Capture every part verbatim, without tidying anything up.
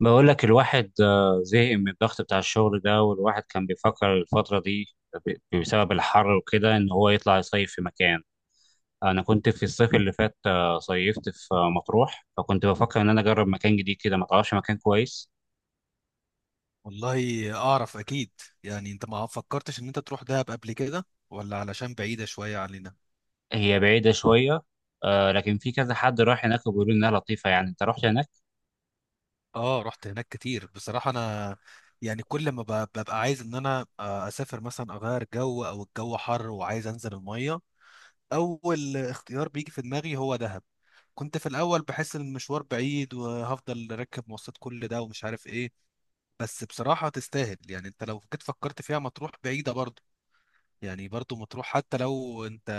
بقول لك الواحد آه، زهق من الضغط بتاع الشغل ده. والواحد كان بيفكر الفترة دي ب- بسبب الحر وكده إن هو يطلع يصيف في مكان. أنا كنت في الصيف اللي فات، آه، صيفت في آه، مطروح، فكنت بفكر إن أنا أجرب مكان جديد كده، ما تعرفش مكان كويس؟ والله اعرف، اكيد. يعني انت ما فكرتش ان انت تروح دهب قبل كده، ولا علشان بعيدة شوية علينا؟ هي بعيدة شوية، آه، لكن في كذا حد راح هناك وبيقولوا إنها لطيفة. يعني أنت رحت هناك؟ اه رحت هناك كتير بصراحة انا. يعني كل ما ب- ببقى عايز ان انا آه، اسافر مثلا، اغير جو، او الجو حر وعايز انزل المية. اول اختيار بيجي في دماغي هو دهب. كنت في الاول بحس ان المشوار بعيد وهفضل راكب مواصلات كل ده ومش عارف ايه. بس بصراحة تستاهل. يعني انت لو جيت فكرت فيها، مطروح بعيدة برضه. يعني برضه مطروح، حتى لو انت،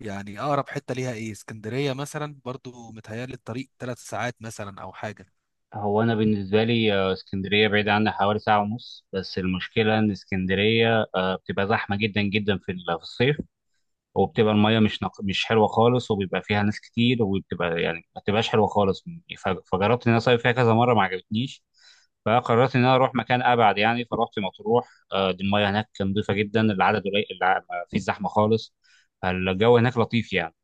يعني اقرب حته ليها ايه، اسكندريه مثلا، برضو متهيألي الطريق ثلاث ساعات مثلا او حاجه. هو أنا بالنسبة لي آه، اسكندرية بعيدة عني حوالي ساعة ونص، بس المشكلة إن اسكندرية آه، بتبقى زحمة جدا جدا في ال- في الصيف، وبتبقى المية مش نق... مش حلوة خالص، وبيبقى فيها ناس كتير، وبتبقى يعني ما بتبقاش حلوة خالص. ف... فجربت إن أنا أصيف فيها كذا مرة، ما عجبتنيش. فقررت إن أنا أروح مكان أبعد، يعني فرحت مطروح. آه، دي المية هناك نضيفة جدا، العدد قليل، الع- ما فيش زحمة خالص، فالجو هناك لطيف يعني.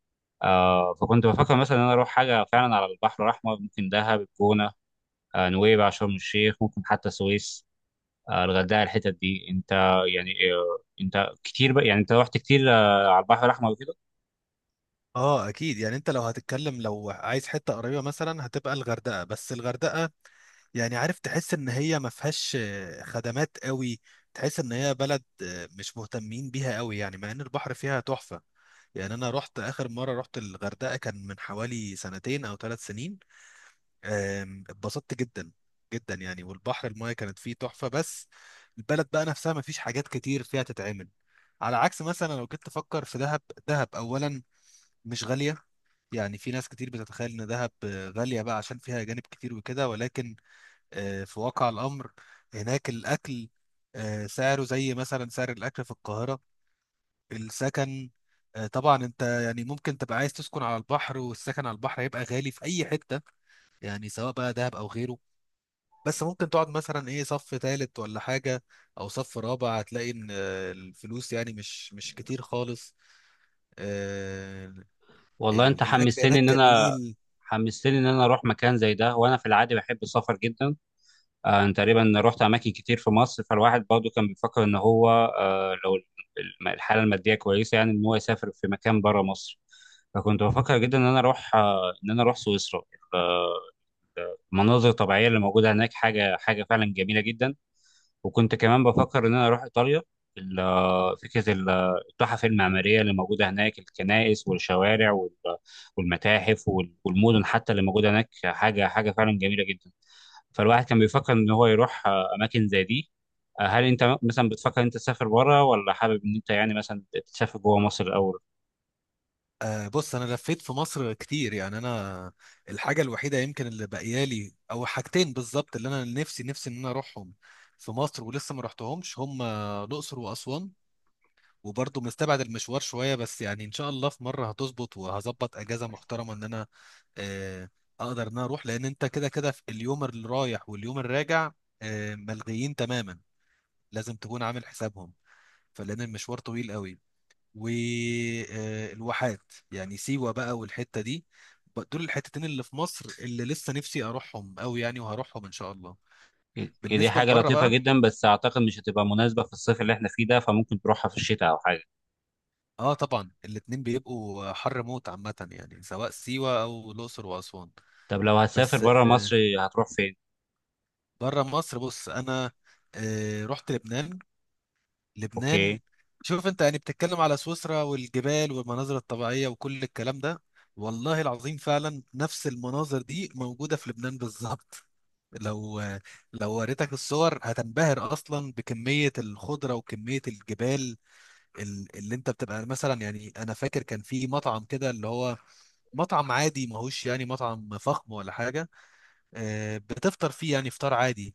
آه، فكنت بفكر مثلا إن أنا أروح حاجة فعلا على البحر الأحمر، ممكن دهب، الجونة، آه، نويبع، شرم الشيخ، ممكن حتى السويس، آه، الغردقة، الحتت دي. أنت يعني، آه، أنت كتير بقى، يعني أنت رحت كتير آه، على البحر الأحمر وكده؟ اه اكيد. يعني انت لو هتتكلم، لو عايز حته قريبه مثلا، هتبقى الغردقه. بس الغردقه يعني، عارف، تحس ان هي ما فيهاش آه، خدمات قوي. تحس ان هي بلد آه، مش مهتمين بيها قوي، يعني مع ان البحر فيها تحفه. يعني انا رحت اخر مره رحت الغردقه كان من حوالي سنتين او ثلاث سنين. آم، اتبسطت جدا جدا يعني، والبحر المايه كانت فيه تحفه. بس البلد بقى نفسها ما فيش حاجات كتير فيها تتعمل، على عكس مثلا لو جيت تفكر في دهب. دهب اولا مش غاليه. يعني في ناس كتير بتتخيل ان دهب آه، غاليه بقى عشان فيها جانب كتير وكده، ولكن آه، في واقع الامر هناك الاكل آه، سعره زي مثلا سعر الاكل في القاهره. السكن، آه، طبعا انت يعني ممكن تبقى عايز تسكن على البحر، والسكن على البحر هيبقى غالي في اي حته، يعني سواء بقى دهب او غيره. بس ممكن تقعد مثلا ايه، صف تالت ولا حاجة، او صف رابع، هتلاقي ان آه، الفلوس يعني مش مش كتير خالص. آه، والله انت ال- الاكل حمستني ان هناك انا، جميل. حمستني ان انا اروح مكان زي ده، وانا في العادي بحب السفر جدا. آه، انا تقريبا رحت اماكن كتير في مصر، فالواحد برضه كان بيفكر ان هو آه، لو الم- الحاله الماديه كويسه، يعني ان هو يسافر في مكان بره مصر. فكنت بفكر جدا ان انا اروح آه، ان انا اروح سويسرا، المناظر الطبيعيه اللي موجوده هناك حاجه، حاجه فعلا جميله جدا. وكنت كمان بفكر ان انا اروح ايطاليا، ال- فكره ال- التحف المعماريه اللي موجوده هناك، الكنائس والشوارع وال- والمتاحف وال- والمدن حتى اللي موجوده هناك حاجه، حاجه فعلا جميله جدا. فالواحد كان بيفكر ان هو يروح آه، اماكن زي دي. آه، هل انت مثلا بتفكر انت تسافر بره، ولا حابب ان انت يعني مثلا تسافر جوه مصر الاول؟ آه، بص انا لفيت في مصر كتير يعني. انا الحاجة الوحيدة يمكن اللي باقيالي او حاجتين بالظبط اللي انا نفسي نفسي ان انا اروحهم في مصر ولسه ما رحتهمش، هم الاقصر واسوان. وبرضه مستبعد المشوار شوية، بس يعني إن شاء الله في مرة هتظبط وهظبط أجازة محترمة إن أنا آه، أقدر إن أنا أروح. لأن أنت كده كده في اليوم اللي رايح واليوم الراجع آه، ملغيين تماما، لازم تكون عامل حسابهم، فلأن المشوار طويل قوي. والواحات يعني، سيوة بقى والحتة دي، ب- دول الحتتين اللي في مصر اللي لسه نفسي أروحهم قوي يعني، وهروحهم إن شاء الله. هي دي بالنسبة حاجه لبره لطيفه بقى، جدا، بس اعتقد مش هتبقى مناسبه في الصيف اللي احنا فيه ده، فممكن تروحها في الشتاء او حاجه. اه طبعا الاتنين بيبقوا حر موت عامة، يعني سواء سيوة أو الأقصر وأسوان. طب لو هتسافر بس بره آه، مصر هتروح فين؟ بره مصر، بص انا آه، رحت لبنان. لبنان، اوكي. شوف انت يعني بتتكلم على سويسرا والجبال والمناظر الطبيعية وكل الكلام ده، والله العظيم فعلا نفس المناظر دي موجودة في لبنان بالظبط. لو لو وريتك الصور هتنبهر اصلا بكمية الخضرة وكمية الجبال. ال- اللي انت بتبقى مثلا، يعني انا فاكر كان في مطعم كده، اللي هو مطعم عادي ماهوش يعني مطعم فخم ولا حاجة، آه، بتفطر فيه يعني فطار عادي.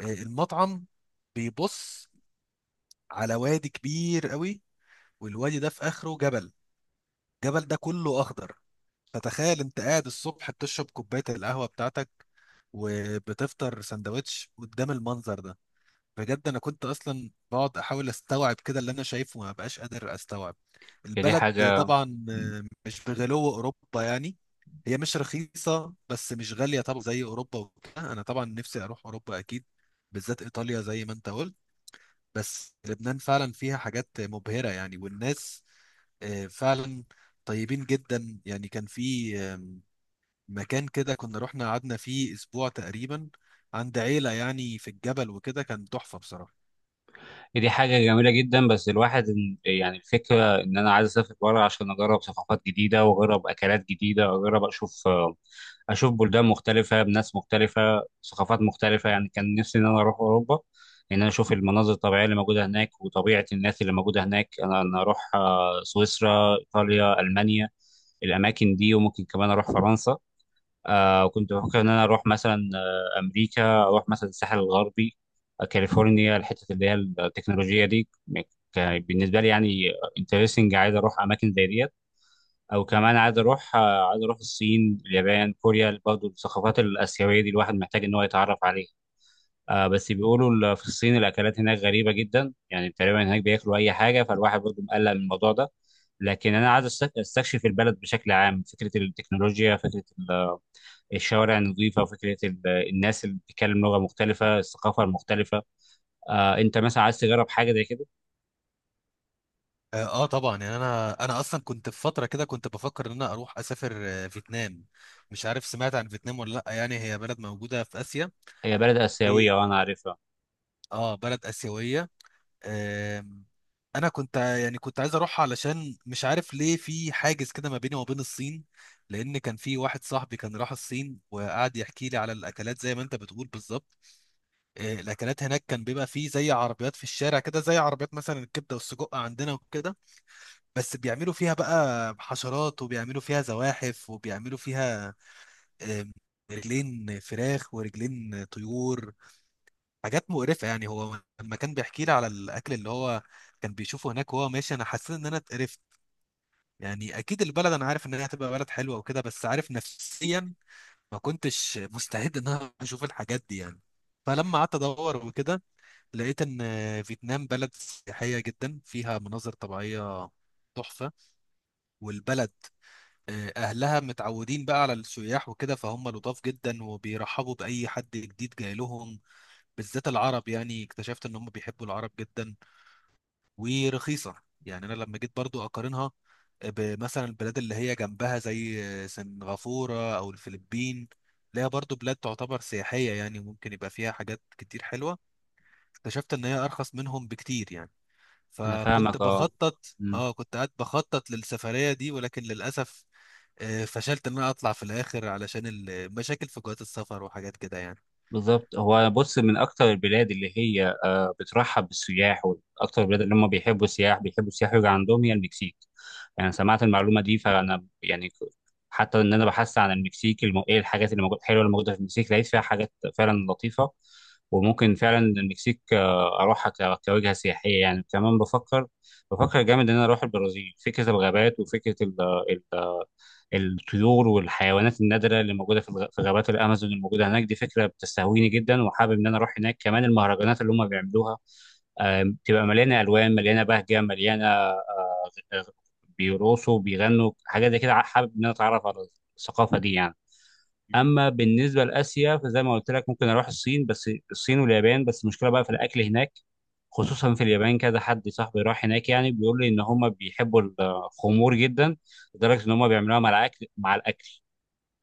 آه، المطعم بيبص على وادي كبير قوي، والوادي ده في اخره جبل، الجبل ده كله اخضر. فتخيل انت قاعد الصبح بتشرب كوبايه القهوه بتاعتك وبتفطر سندوتش قدام المنظر ده. بجد انا كنت اصلا بقعد احاول استوعب كده اللي انا شايفه وما بقاش قادر استوعب هي دي البلد. حاجة. طبعا مم. آه، مش بغلو اوروبا يعني. هي مش رخيصه، بس مش غاليه طبعا زي اوروبا وكده. انا طبعا نفسي اروح اوروبا اكيد، بالذات ايطاليا زي ما انت قلت. بس لبنان فعلا فيها حاجات مبهرة يعني، والناس آه، فعلا طيبين جدا يعني. كان في آم، مكان كده كنا رحنا قعدنا فيه أسبوع تقريبا عند عيلة يعني في الجبل وكده، كان تحفة بصراحة. دي حاجة جميلة جدا، بس الواحد إن- يعني الفكرة إن أنا عايز أسافر بره، عشان أجرب ثقافات جديدة، وأجرب أكلات جديدة، وأجرب أشوف آه، أشوف بلدان مختلفة بناس مختلفة، ثقافات مختلفة. يعني كان نفسي إن أنا أروح أوروبا، إن أنا أشوف المناظر الطبيعية اللي موجودة هناك وطبيعة الناس اللي موجودة هناك. أنا أنا أروح آه، سويسرا، إيطاليا، ألمانيا، الأماكن دي، وممكن كمان أروح فرنسا. آه، كنت بفكر إن أنا أروح مثلا آه، أمريكا، أروح مثلا الساحل الغربي، آه، كاليفورنيا، الحتة اللي هي التكنولوجيا دي، كان بالنسبة لي يعني انترستنج، عايز أروح أماكن زي ديت. أو مم. كمان عايز أروح آه، عايز أروح الصين، اليابان، كوريا، برضه الثقافات الآسيوية دي الواحد محتاج إن هو يتعرف عليها. آه، بس بيقولوا ال- في الصين الأكلات هناك غريبة جدا، يعني تقريبا هناك بياكلوا أي حاجة، فالواحد برضه مقلق من الموضوع ده. لكن أنا عايز أستك- أستكشف البلد بشكل عام، فكرة التكنولوجيا، فكرة الشوارع النظيفه، فكره ال- الناس اللي بتتكلم لغه مختلفه، الثقافه المختلفه. آه، انت مثلا عايز تجرب حاجه زي كده؟ اه آه طبعا، يعني انا انا اصلا كنت في فتره كده كنت بفكر ان انا اروح اسافر آه، فيتنام. مش عارف سمعت عن فيتنام ولا لا، يعني هي بلد موجوده في اسيا. هي بلد اسيويه ايه. وانا عارفها. اه بلد اسيويه. آم، انا كنت ع- يعني كنت عايز اروح، علشان مش عارف ليه في حاجز كده ما بيني وما بين الصين. لان كان في واحد صاحبي كان راح الصين وقعد يحكي لي على الاكلات زي ما انت بتقول بالظبط. آه، الاكلات هناك كان بيبقى فيه زي عربيات في الشارع كده، زي عربيات مثلا الكبده والسجق عندنا وكده، بس بيعملوا فيها بقى حشرات وبيعملوا فيها زواحف وبيعملوا فيها آم، رجلين فراخ ورجلين طيور، حاجات مقرفة يعني. هو لما كان بيحكي لي على الأكل اللي هو كان بيشوفه هناك وهو ماشي، أنا حسيت إن أنا اتقرفت. يعني أكيد البلد أنا عارف إن هي هتبقى بلد حلوة وكده، بس عارف نفسيا ما كنتش مستعد إن أنا أشوف الحاجات دي يعني. فلما قعدت أدور وكده لقيت إن فيتنام بلد سياحية جدا فيها مناظر طبيعية تحفة، والبلد آه، أهلها متعودين بقى على السياح وكده، فهم لطاف جدا وبيرحبوا بأي حد جديد جاي لهم، بالذات العرب. يعني اكتشفت إن هم بيحبوا العرب جدا. ورخيصه يعني. انا لما جيت برضو اقارنها بمثلا البلاد اللي هي جنبها زي سنغافوره او الفلبين، اللي هي برضو بلاد تعتبر سياحيه يعني ممكن يبقى فيها حاجات كتير حلوه، اكتشفت ان هي ارخص منهم بكتير يعني. انا فكنت فاهمك، اه. بخطط اه كنت قاعد بخطط للسفريه دي، ولكن للاسف آه، فشلت ان انا اطلع في الاخر علشان المشاكل في جوات السفر وحاجات كده يعني. بالظبط. هو بص، من اكتر البلاد اللي هي آه، بترحب بالسياح، واكتر البلاد اللي هم بيحبوا السياح، بيحبوا السياح يجي عندهم، هي المكسيك. يعني سمعت المعلومه دي، فانا يعني ك- حتى ان انا بحثت عن المكسيك الم... ايه الحاجات اللي موجوده الحلوه اللي موجوده في المكسيك، لقيت فيها حاجات فعلا لطيفه. وممكن فعلا المكسيك آه، اروحها ك- كوجهه سياحيه يعني. كمان بفكر، بفكر جامد ان انا اروح البرازيل، فكره الغابات وفكره الطيور والحيوانات النادرة اللي موجودة في الغ- في غابات الأمازون الموجودة هناك، دي فكرة بتستهويني جدا وحابب إن أنا أروح هناك. كمان المهرجانات اللي هم بيعملوها، آه، بتبقى مليانة ألوان، مليانة بهجة، مليانة آه، بيرقصوا، بيغنوا حاجات زي كده، حابب إن أنا أتعرف على الثقافة دي يعني. أما بالنسبة لآسيا، فزي ما قلت لك ممكن أروح الصين، بس الصين واليابان بس المشكلة بقى في الأكل هناك، خصوصا في اليابان. كذا حد صاحبي راح هناك يعني بيقول لي ان هم بيحبوا الخمور جدا، لدرجه ان هم بيعملوها مع الاكل، مع الاكل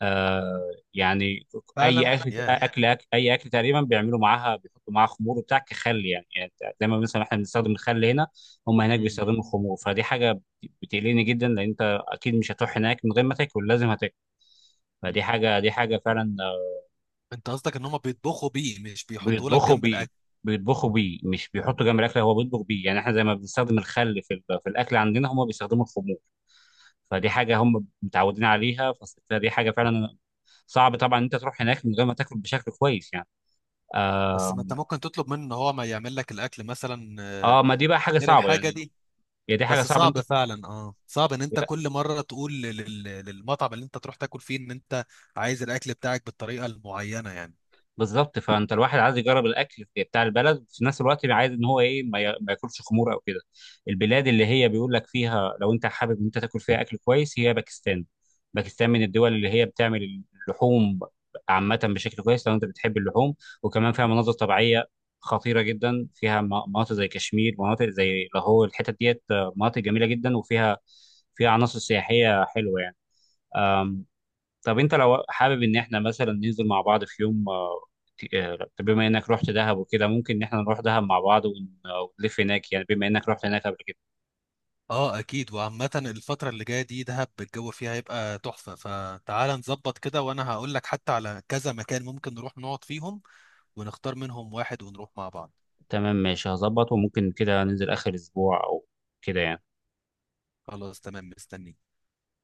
آه يعني. فعلا اي اكل يا. اكل أكل- اي اكل تقريبا بيعملوا معاها، بيحطوا معاها خمور وبتاع، كخل يعني، يعني زي ما مثلا احنا بنستخدم الخل هنا، هم هناك yeah. بيستخدموا الخمور. فدي حاجه بتقلقني جدا، لان انت اكيد مش هتروح هناك من غير ما تاكل، لازم هتاكل. فدي حاجه، دي حاجه فعلا آه، انت قصدك ان هم بيطبخوا بيه، مش بيحطوا لك بيطبخوا جنب بيه، الاكل؟ بيطبخوا بيه مش بيحطوا جنب الاكل، هو بيطبخ بيه. يعني احنا زي ما بنستخدم الخل في ال- في الاكل عندنا، هم بيستخدموا الخمور، فدي حاجه هم متعودين عليها، فدي حاجه فعلا صعب طبعا ان انت تروح هناك من غير ما تاكل بشكل كويس يعني. بس اه، ما انت ممكن تطلب منه ان هو ما يعمل لك الاكل مثلا آه، آه، ما دي بقى حاجه غير صعبه الحاجه يعني. دي. هي دي حاجه بس صعبه. انت صعب فعلا، اه صعب ان انت بت- كل مره تقول لل- لل- للمطعم اللي انت تروح تاكل فيه ان انت عايز الاكل بتاعك بالطريقه المعينه يعني. بالظبط. فانت الواحد عايز يجرب الاكل بتاع البلد، في نفس الوقت عايز ان هو ايه ما يا- ما ياكلش خمور او كده. البلاد اللي هي بيقول لك فيها لو انت حابب ان انت تاكل فيها اكل كويس، هي باكستان. باكستان من الدول اللي هي بتعمل اللحوم عامه بشكل كويس، لو انت بتحب اللحوم. وكمان فيها مناظر طبيعيه خطيره جدا، فيها م- مناطق زي كشمير، مناطق زي لاهور، الحتت ديت آه، مناطق جميله جدا، وفيها، فيها عناصر سياحيه حلوه يعني. طب انت لو حابب ان احنا مثلا ننزل مع بعض في يوم، آه، ت- آه، طب بما انك رحت دهب وكده ممكن ان احنا نروح دهب مع بعض ون- آه، ونلف هناك، يعني بما انك رحت هناك قبل كده. اه اكيد. وعامه الفتره اللي جايه دي دهب الجو فيها هيبقى تحفه، فتعال نظبط كده وانا هقول لك حتى على كذا مكان ممكن نروح نقعد فيهم ونختار منهم واحد ونروح مع بعض. تمام، ماشي، هظبط. وممكن كده ننزل اخر اسبوع او كده يعني. خلاص تمام، مستني.